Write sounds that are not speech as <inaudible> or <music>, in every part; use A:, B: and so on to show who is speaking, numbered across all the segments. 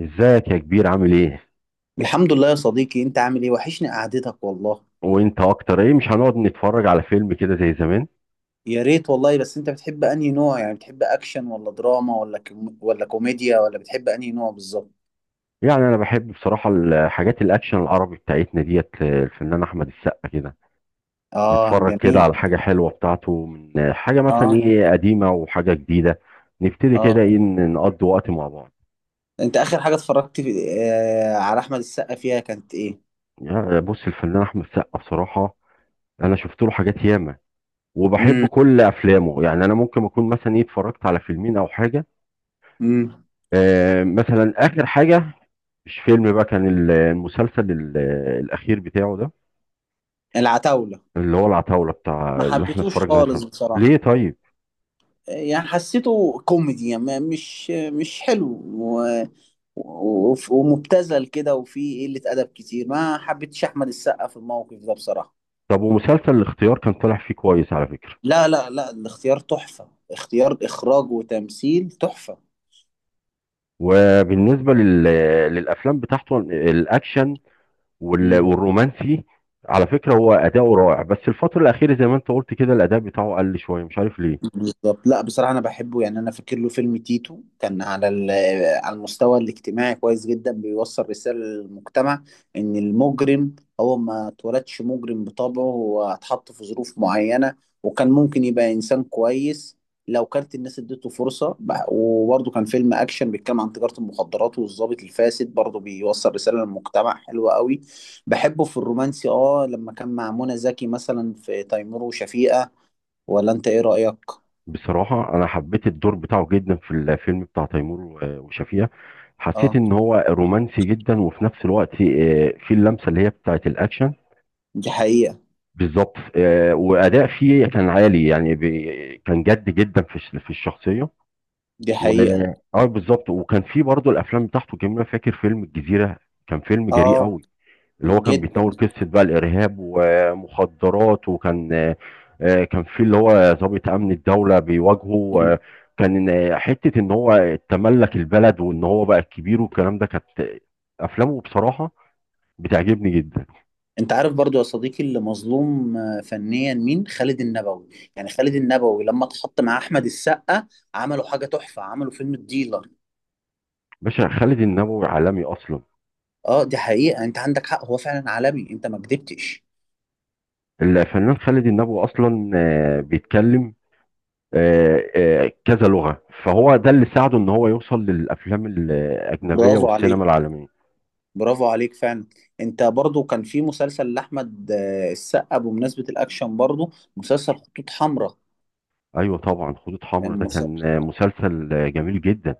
A: ازيك يا كبير، عامل ايه؟
B: الحمد لله يا صديقي، انت عامل ايه؟ وحشني قعدتك والله.
A: وانت اكتر، ايه مش هنقعد نتفرج على فيلم كده زي زمان؟
B: يا ريت والله. بس انت بتحب انهي نوع؟ يعني بتحب اكشن ولا دراما ولا ولا كوميديا ولا بتحب انهي نوع بالظبط؟
A: يعني انا بحب بصراحة الحاجات الاكشن العربي بتاعتنا ديت، الفنان احمد السقا كده.
B: اه،
A: نتفرج كده
B: جميل.
A: على حاجة حلوة بتاعته، من حاجة مثلا
B: اه.
A: ايه قديمة وحاجة جديدة. نبتدي كده
B: اه
A: ايه، نقضي وقت مع بعض.
B: انت اخر حاجة اتفرجت في... آه على احمد السقا فيها كانت ايه؟
A: يعني بص، الفنان احمد السقا بصراحة انا شفت له حاجات ياما، وبحب
B: امم.
A: كل افلامه. يعني انا ممكن اكون مثلا ايه اتفرجت على فيلمين او حاجة.
B: امم.
A: مثلا اخر حاجه، مش فيلم بقى، كان المسلسل الاخير بتاعه ده،
B: العتاولة.
A: اللي هو العتاوله
B: ما
A: بتاع اللي احنا
B: حبيتوش
A: اتفرجنا عليه في
B: خالص
A: رمضان.
B: بصراحة.
A: ليه؟ طيب،
B: يعني حسيته كوميدي، يعني مش حلو ومبتذل كده، وفيه قلة أدب كتير. ما حبيتش أحمد السقا في الموقف ده بصراحة.
A: طب ومسلسل الاختيار كان طالع فيه كويس على فكره.
B: لا لا لا، الاختيار تحفة، اختيار إخراج وتمثيل تحفة.
A: وبالنسبه للافلام بتاعته الاكشن
B: مم.
A: والرومانسي، على فكره هو اداؤه رائع، بس الفتره الاخيره زي ما انت قلت كده الاداء بتاعه قل شويه، مش عارف ليه.
B: بالظبط. لا بصراحة أنا بحبه، يعني أنا فاكر له فيلم تيتو كان على على المستوى الاجتماعي كويس جدا، بيوصل رسالة للمجتمع إن المجرم هو ما اتولدش مجرم بطبعه، هو اتحط في ظروف معينة، وكان ممكن يبقى إنسان كويس لو كانت الناس اديته فرصة. وبرضه كان فيلم أكشن بيتكلم عن تجارة المخدرات والضابط الفاسد، برضه بيوصل رسالة للمجتمع حلوة قوي. بحبه في الرومانسي، آه لما كان مع منى زكي مثلا في تيمور وشفيقة. ولا أنت إيه رأيك؟
A: بصراحة أنا حبيت الدور بتاعه جدا في الفيلم بتاع تيمور وشفيقة. حسيت
B: اه،
A: إن هو رومانسي جدا، وفي نفس الوقت في اللمسة اللي هي بتاعت الأكشن.
B: دي حقيقة.
A: بالظبط، وأداء فيه كان عالي. يعني كان جد جدا في في الشخصية.
B: دي
A: و
B: حقيقة.
A: اه بالظبط، وكان في برضه الأفلام بتاعته جميلة. فاكر فيلم الجزيرة، كان فيلم جريء
B: اه،
A: قوي، اللي هو كان
B: جدا.
A: بيتناول قصة بقى الإرهاب ومخدرات. وكان كان في اللي هو ضابط أمن الدولة بيواجهه.
B: مم.
A: كان حتة إن هو تملك البلد وإن هو بقى الكبير والكلام ده. كانت أفلامه بصراحة بتعجبني جدا.
B: انت عارف برضو يا صديقي اللي مظلوم فنيا مين؟ خالد النبوي. يعني خالد النبوي لما اتحط مع احمد السقا عملوا حاجة تحفة، عملوا فيلم الديلر.
A: باشا خالد النبوي عالمي أصلا.
B: اه، دي حقيقة، انت عندك حق، هو فعلا عالمي، انت ما كدبتش.
A: الفنان خالد النبوي أصلا بيتكلم كذا لغة، فهو ده اللي ساعده إن هو يوصل للأفلام الأجنبية
B: برافو
A: والسينما
B: عليك.
A: العالمية.
B: برافو عليك فعلا. انت برضو كان في مسلسل لاحمد السقا، بمناسبة الاكشن برضو، مسلسل خطوط حمراء.
A: ايوه طبعا، خطوط حمراء ده
B: المسلسل.
A: كان مسلسل جميل جدا،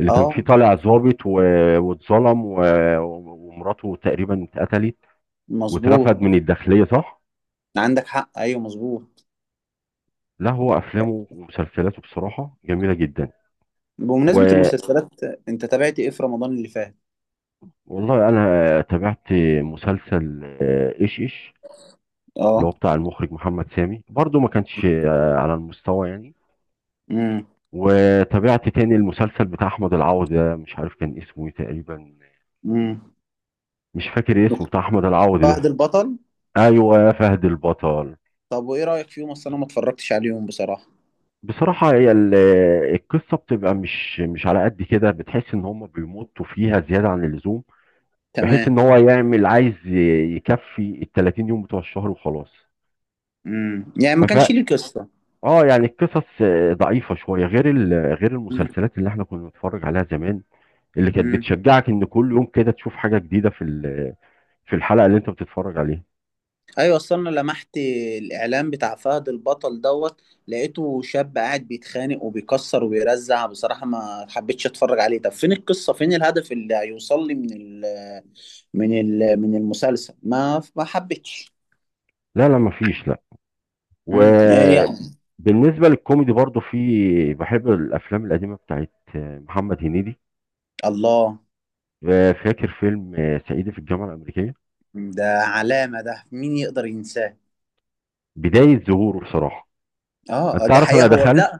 A: اللي كان فيه
B: اه،
A: طالع ظابط واتظلم ومراته تقريبا اتقتلت، واترفد
B: مظبوط.
A: من الداخليه، صح؟
B: عندك حق، ايوه مظبوط.
A: لا هو افلامه ومسلسلاته بصراحه جميله جدا.
B: بمناسبة
A: و-
B: المسلسلات، انت تابعت ايه في رمضان اللي فات؟
A: والله انا تابعت مسلسل ايش ايش، اللي
B: اه.
A: هو بتاع المخرج محمد سامي، برضو ما كانش على المستوى يعني.
B: امم.
A: وتابعت تاني المسلسل بتاع احمد العوضي ده، مش عارف كان اسمه إيه تقريبا،
B: امم.
A: مش فاكر اسمه
B: دكتور
A: بتاع احمد العوضي
B: فهد
A: ده.
B: البطل.
A: ايوه، يا فهد البطل.
B: طب وايه رأيك فيهم؟ اصل انا ما اتفرجتش عليهم بصراحة.
A: بصراحة هي القصة بتبقى مش على قد كده، بتحس ان هم بيمطوا فيها زيادة عن اللزوم، بحيث
B: تمام.
A: ان هو يعمل عايز يكفي ال 30 يوم بتوع الشهر وخلاص.
B: امم، يعني ما
A: فف
B: كانش ليه قصة.
A: اه يعني القصص ضعيفة شوية، غير غير
B: امم.
A: المسلسلات اللي احنا كنا بنتفرج عليها زمان، اللي كانت
B: امم.
A: بتشجعك ان كل يوم كده تشوف حاجة جديدة في في الحلقة اللي انت بتتفرج عليها.
B: ايوه، اصل انا لمحت الاعلان بتاع فهد البطل دوت، لقيته شاب قاعد بيتخانق وبيكسر وبيرزع. بصراحة ما حبيتش اتفرج عليه. طب فين القصة؟ فين الهدف اللي هيوصل لي من المسلسل؟ ما حبيتش.
A: لا لا، مفيش.
B: امم. إيه يعني؟
A: وبالنسبة للكوميدي برضو، في بحب الأفلام القديمة بتاعت محمد هنيدي.
B: الله!
A: فاكر فيلم صعيدي في الجامعة الأمريكية،
B: ده علامة، ده مين يقدر ينساه؟
A: بداية ظهوره بصراحة.
B: اه.
A: أنت
B: دي
A: عارف أنا
B: حقيقة. هو
A: دخلت.
B: لا،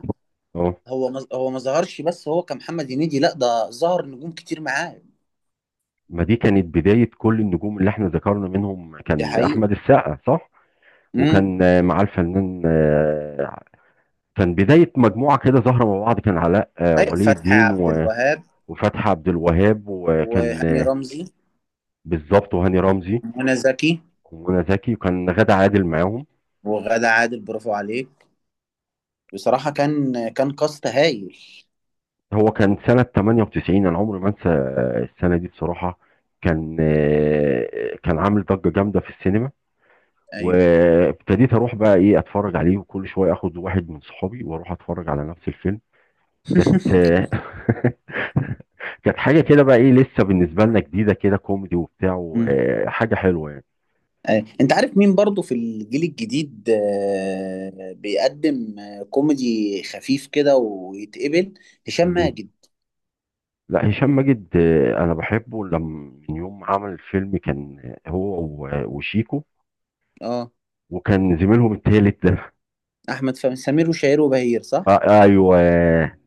A: أه،
B: هو ما ظهرش بس، هو كمحمد هنيدي، لا ده ظهر نجوم كتير معاه.
A: ما دي كانت بداية كل النجوم اللي احنا ذكرنا، منهم
B: دي
A: كان
B: حقيقة.
A: أحمد السقا، صح؟
B: امم.
A: وكان معاه الفنان كان بداية مجموعة كده ظاهرة مع بعض. كان علاء
B: ايوه،
A: ولي
B: فتحي
A: الدين
B: عبد الوهاب.
A: وفتحي عبد الوهاب، وكان
B: وهاني رمزي.
A: بالظبط وهاني رمزي
B: ومنى زكي.
A: ومنى زكي، وكان غادة عادل معاهم.
B: وغادة عادل، برافو عليك. بصراحة كان كاست هايل.
A: هو كان سنة 98، أنا عمري ما أنسى السنة دي بصراحة. كان كان عامل ضجة جامدة في السينما،
B: ايوه.
A: وابتديت أروح بقى إيه أتفرج عليه، وكل شوية آخد واحد من صحابي وأروح أتفرج على نفس الفيلم. كانت
B: <laughs>
A: <laughs> كانت حاجة كده بقى إيه لسه بالنسبة لنا جديدة كده، كوميدي وبتاع
B: مم.
A: حاجة حلوة يعني.
B: أيوة. انت عارف مين برضو في الجيل الجديد بيقدم كوميدي خفيف كده ويتقبل؟ هشام
A: مين؟
B: ماجد.
A: لا هشام ماجد، أنا بحبه. لما من يوم ما عمل الفيلم كان هو وشيكو
B: اه.
A: وكان زميلهم التالت ده،
B: احمد فهمي، سمير وشهير وبهير، صح؟
A: آه ايوه.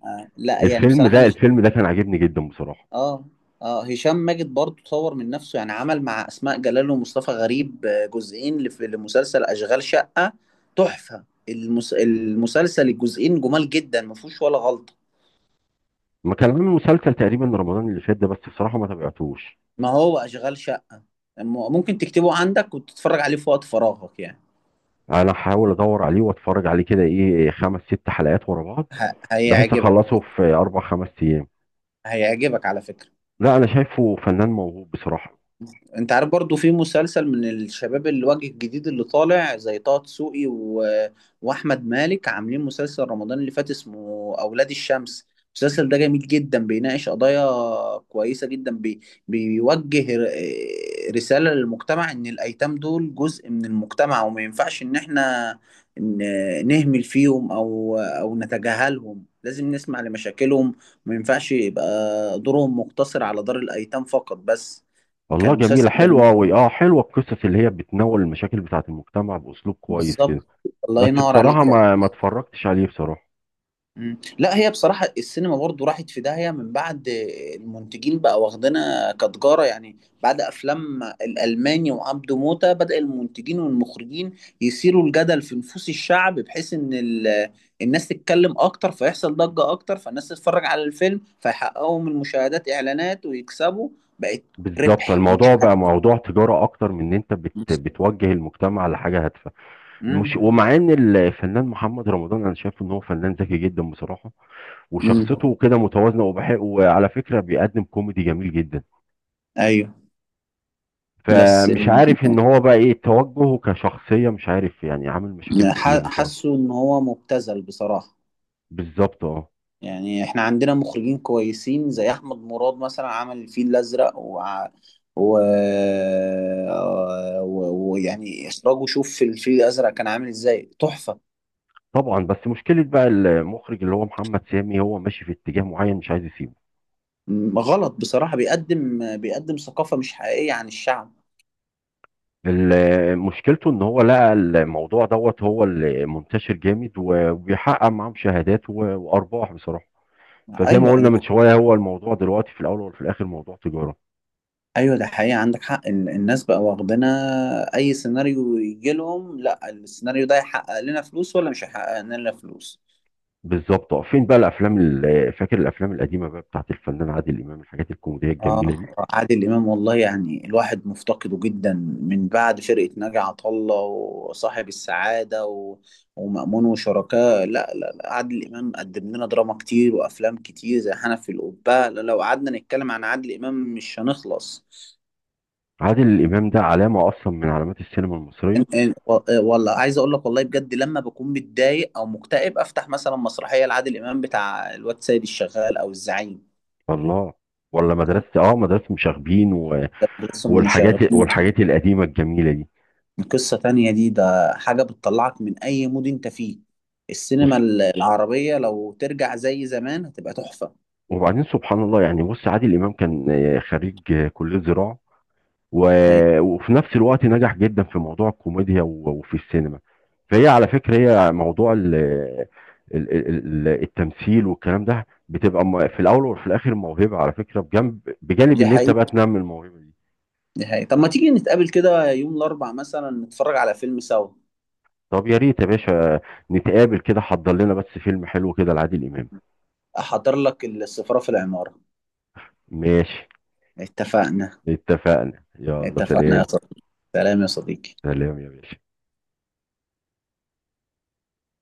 B: آه. لا يعني
A: الفيلم
B: بصراحه
A: ده،
B: انا
A: الفيلم ده كان عاجبني جدا بصراحه.
B: اه. اه هشام ماجد برضه طور من نفسه، يعني عمل مع اسماء جلال ومصطفى غريب جزئين لمسلسل اشغال شقه. تحفه. المسلسل الجزئين جمال جدا، ما فيهوش ولا غلطه.
A: ما كان عامل مسلسل تقريبا رمضان اللي فات ده، بس بصراحه ما تابعتوش.
B: ما هو اشغال شقه. ممكن تكتبه عندك وتتفرج عليه في وقت فراغك يعني.
A: انا هحاول ادور عليه واتفرج عليه كده ايه، خمس ست حلقات ورا بعض، بحيث
B: هيعجبك.
A: اخلصه في اربع خمس ايام.
B: هيعجبك على فكره.
A: لا انا شايفه فنان موهوب بصراحه.
B: انت عارف برضو في مسلسل من الشباب الوجه الجديد اللي طالع زي طه دسوقي واحمد مالك، عاملين مسلسل رمضان اللي فات اسمه اولاد الشمس. المسلسل ده جميل جدا، بيناقش قضايا كويسة جدا، بيوجه ر... آه، رسالة للمجتمع ان الايتام دول جزء من المجتمع، وما ينفعش ان احنا نهمل فيهم او نتجاهلهم. لازم نسمع لمشاكلهم. ما ينفعش يبقى دورهم مقتصر على دار الايتام فقط بس.
A: والله
B: كان مسلسل
A: جميله،
B: جميل.
A: حلوه قوي، اه حلوه القصص اللي هي بتناول المشاكل بتاعه المجتمع باسلوب كويس كده.
B: بالظبط. الله
A: بس
B: ينور
A: بصراحه
B: عليك. لا.
A: ما اتفرجتش عليه بصراحه.
B: مم. لا هي بصراحة السينما برضو راحت في داهية من بعد المنتجين بقى، واخدنا كتجارة يعني. بعد أفلام الألماني وعبده موتة، بدأ المنتجين والمخرجين يثيروا الجدل في نفوس الشعب، بحيث إن الناس تتكلم أكتر فيحصل ضجة أكتر فالناس تتفرج على الفيلم فيحققوا من المشاهدات إعلانات ويكسبوا. بقت
A: بالظبط،
B: ربح مش
A: الموضوع بقى
B: هدف.
A: موضوع تجاره اكتر من ان انت بت بتوجه المجتمع لحاجه هادفه. مش،
B: مم.
A: ومع ان الفنان محمد رمضان انا شايف ان هو فنان ذكي جدا بصراحه،
B: مم.
A: وشخصيته كده متوازنه وبحق، وعلى فكره بيقدم كوميدي جميل جدا.
B: أيوه. بس
A: فمش عارف ان هو بقى ايه توجهه كشخصيه، مش عارف يعني، عامل مشاكل كتير بصراحه.
B: حاسه ان هو مبتذل بصراحة.
A: بالظبط اه.
B: يعني احنا عندنا مخرجين كويسين زي احمد مراد مثلا، عمل الفيل الازرق و ويعني اخراجه، شوف في الفيل الازرق كان عامل ازاي تحفة.
A: طبعا، بس مشكله بقى، المخرج اللي هو محمد سامي، هو ماشي في اتجاه معين مش عايز يسيبه.
B: غلط بصراحة، بيقدم ثقافة مش حقيقية عن الشعب.
A: مشكلته ان هو لقى الموضوع دوت هو اللي منتشر جامد، وبيحقق معاه مشاهدات وارباح بصراحه. فزي ما
B: ايوه
A: قلنا
B: ده
A: من شويه، هو الموضوع دلوقتي في الاول وفي الاخر موضوع تجاره.
B: ايوه ده حقيقة، عندك حق. الناس بقى واخدنا اي سيناريو يجي لهم، لا السيناريو ده هيحقق لنا فلوس ولا مش هيحقق لنا فلوس.
A: بالظبط اه. فين بقى الافلام فاكر الافلام القديمه بقى بتاعت الفنان عادل امام، الحاجات الكوميديه الجميله
B: اه،
A: دي.
B: عادل امام والله يعني الواحد مفتقده جدا. من بعد فرقه ناجي عطا الله وصاحب السعاده ومأمون وشركاه. لا لا لا، عادل امام قدم لنا دراما كتير وافلام كتير زي حنف القبه. لا، لو قعدنا نتكلم عن عادل امام مش هنخلص.
A: عادل امام ده علامه اصلا من علامات السينما المصريه.
B: إيه، والله عايز اقول لك والله بجد، لما بكون متضايق او مكتئب افتح مثلا مسرحيه لعادل امام بتاع الواد سيد الشغال او الزعيم.
A: الله، ولا
B: آه،
A: مدرسه، اه مدرسه مشاغبين
B: ده بس هم
A: والحاجات،
B: شغالين.
A: القديمه الجميله دي.
B: قصة تانية دي، ده حاجة بتطلعك من أي مود أنت فيه.
A: بص،
B: السينما العربية لو ترجع زي زمان هتبقى تحفة.
A: وبعدين سبحان الله، يعني بص عادل امام كان خريج كليه زراعه،
B: أي،
A: وفي نفس الوقت نجح جدا في موضوع الكوميديا وفي السينما. فهي على فكرة، هي موضوع ال ال التمثيل والكلام ده بتبقى في الأول وفي الآخر موهبة، على فكرة، بجنب بجانب
B: دي
A: إن أنت
B: حقيقة.
A: بقى تنمي الموهبة دي.
B: دي حقيقة. طب ما تيجي نتقابل كده يوم الأربع مثلا نتفرج على فيلم سوا؟
A: طب يا ريت يا باشا، نتقابل كده، حضر لنا بس فيلم حلو كده لعادل إمام.
B: أحضر لك السفارة في العمارة.
A: ماشي،
B: اتفقنا.
A: اتفقنا، يلا
B: اتفقنا يا
A: سلام.
B: صديقي. سلام يا صديقي.
A: سلام يا باشا.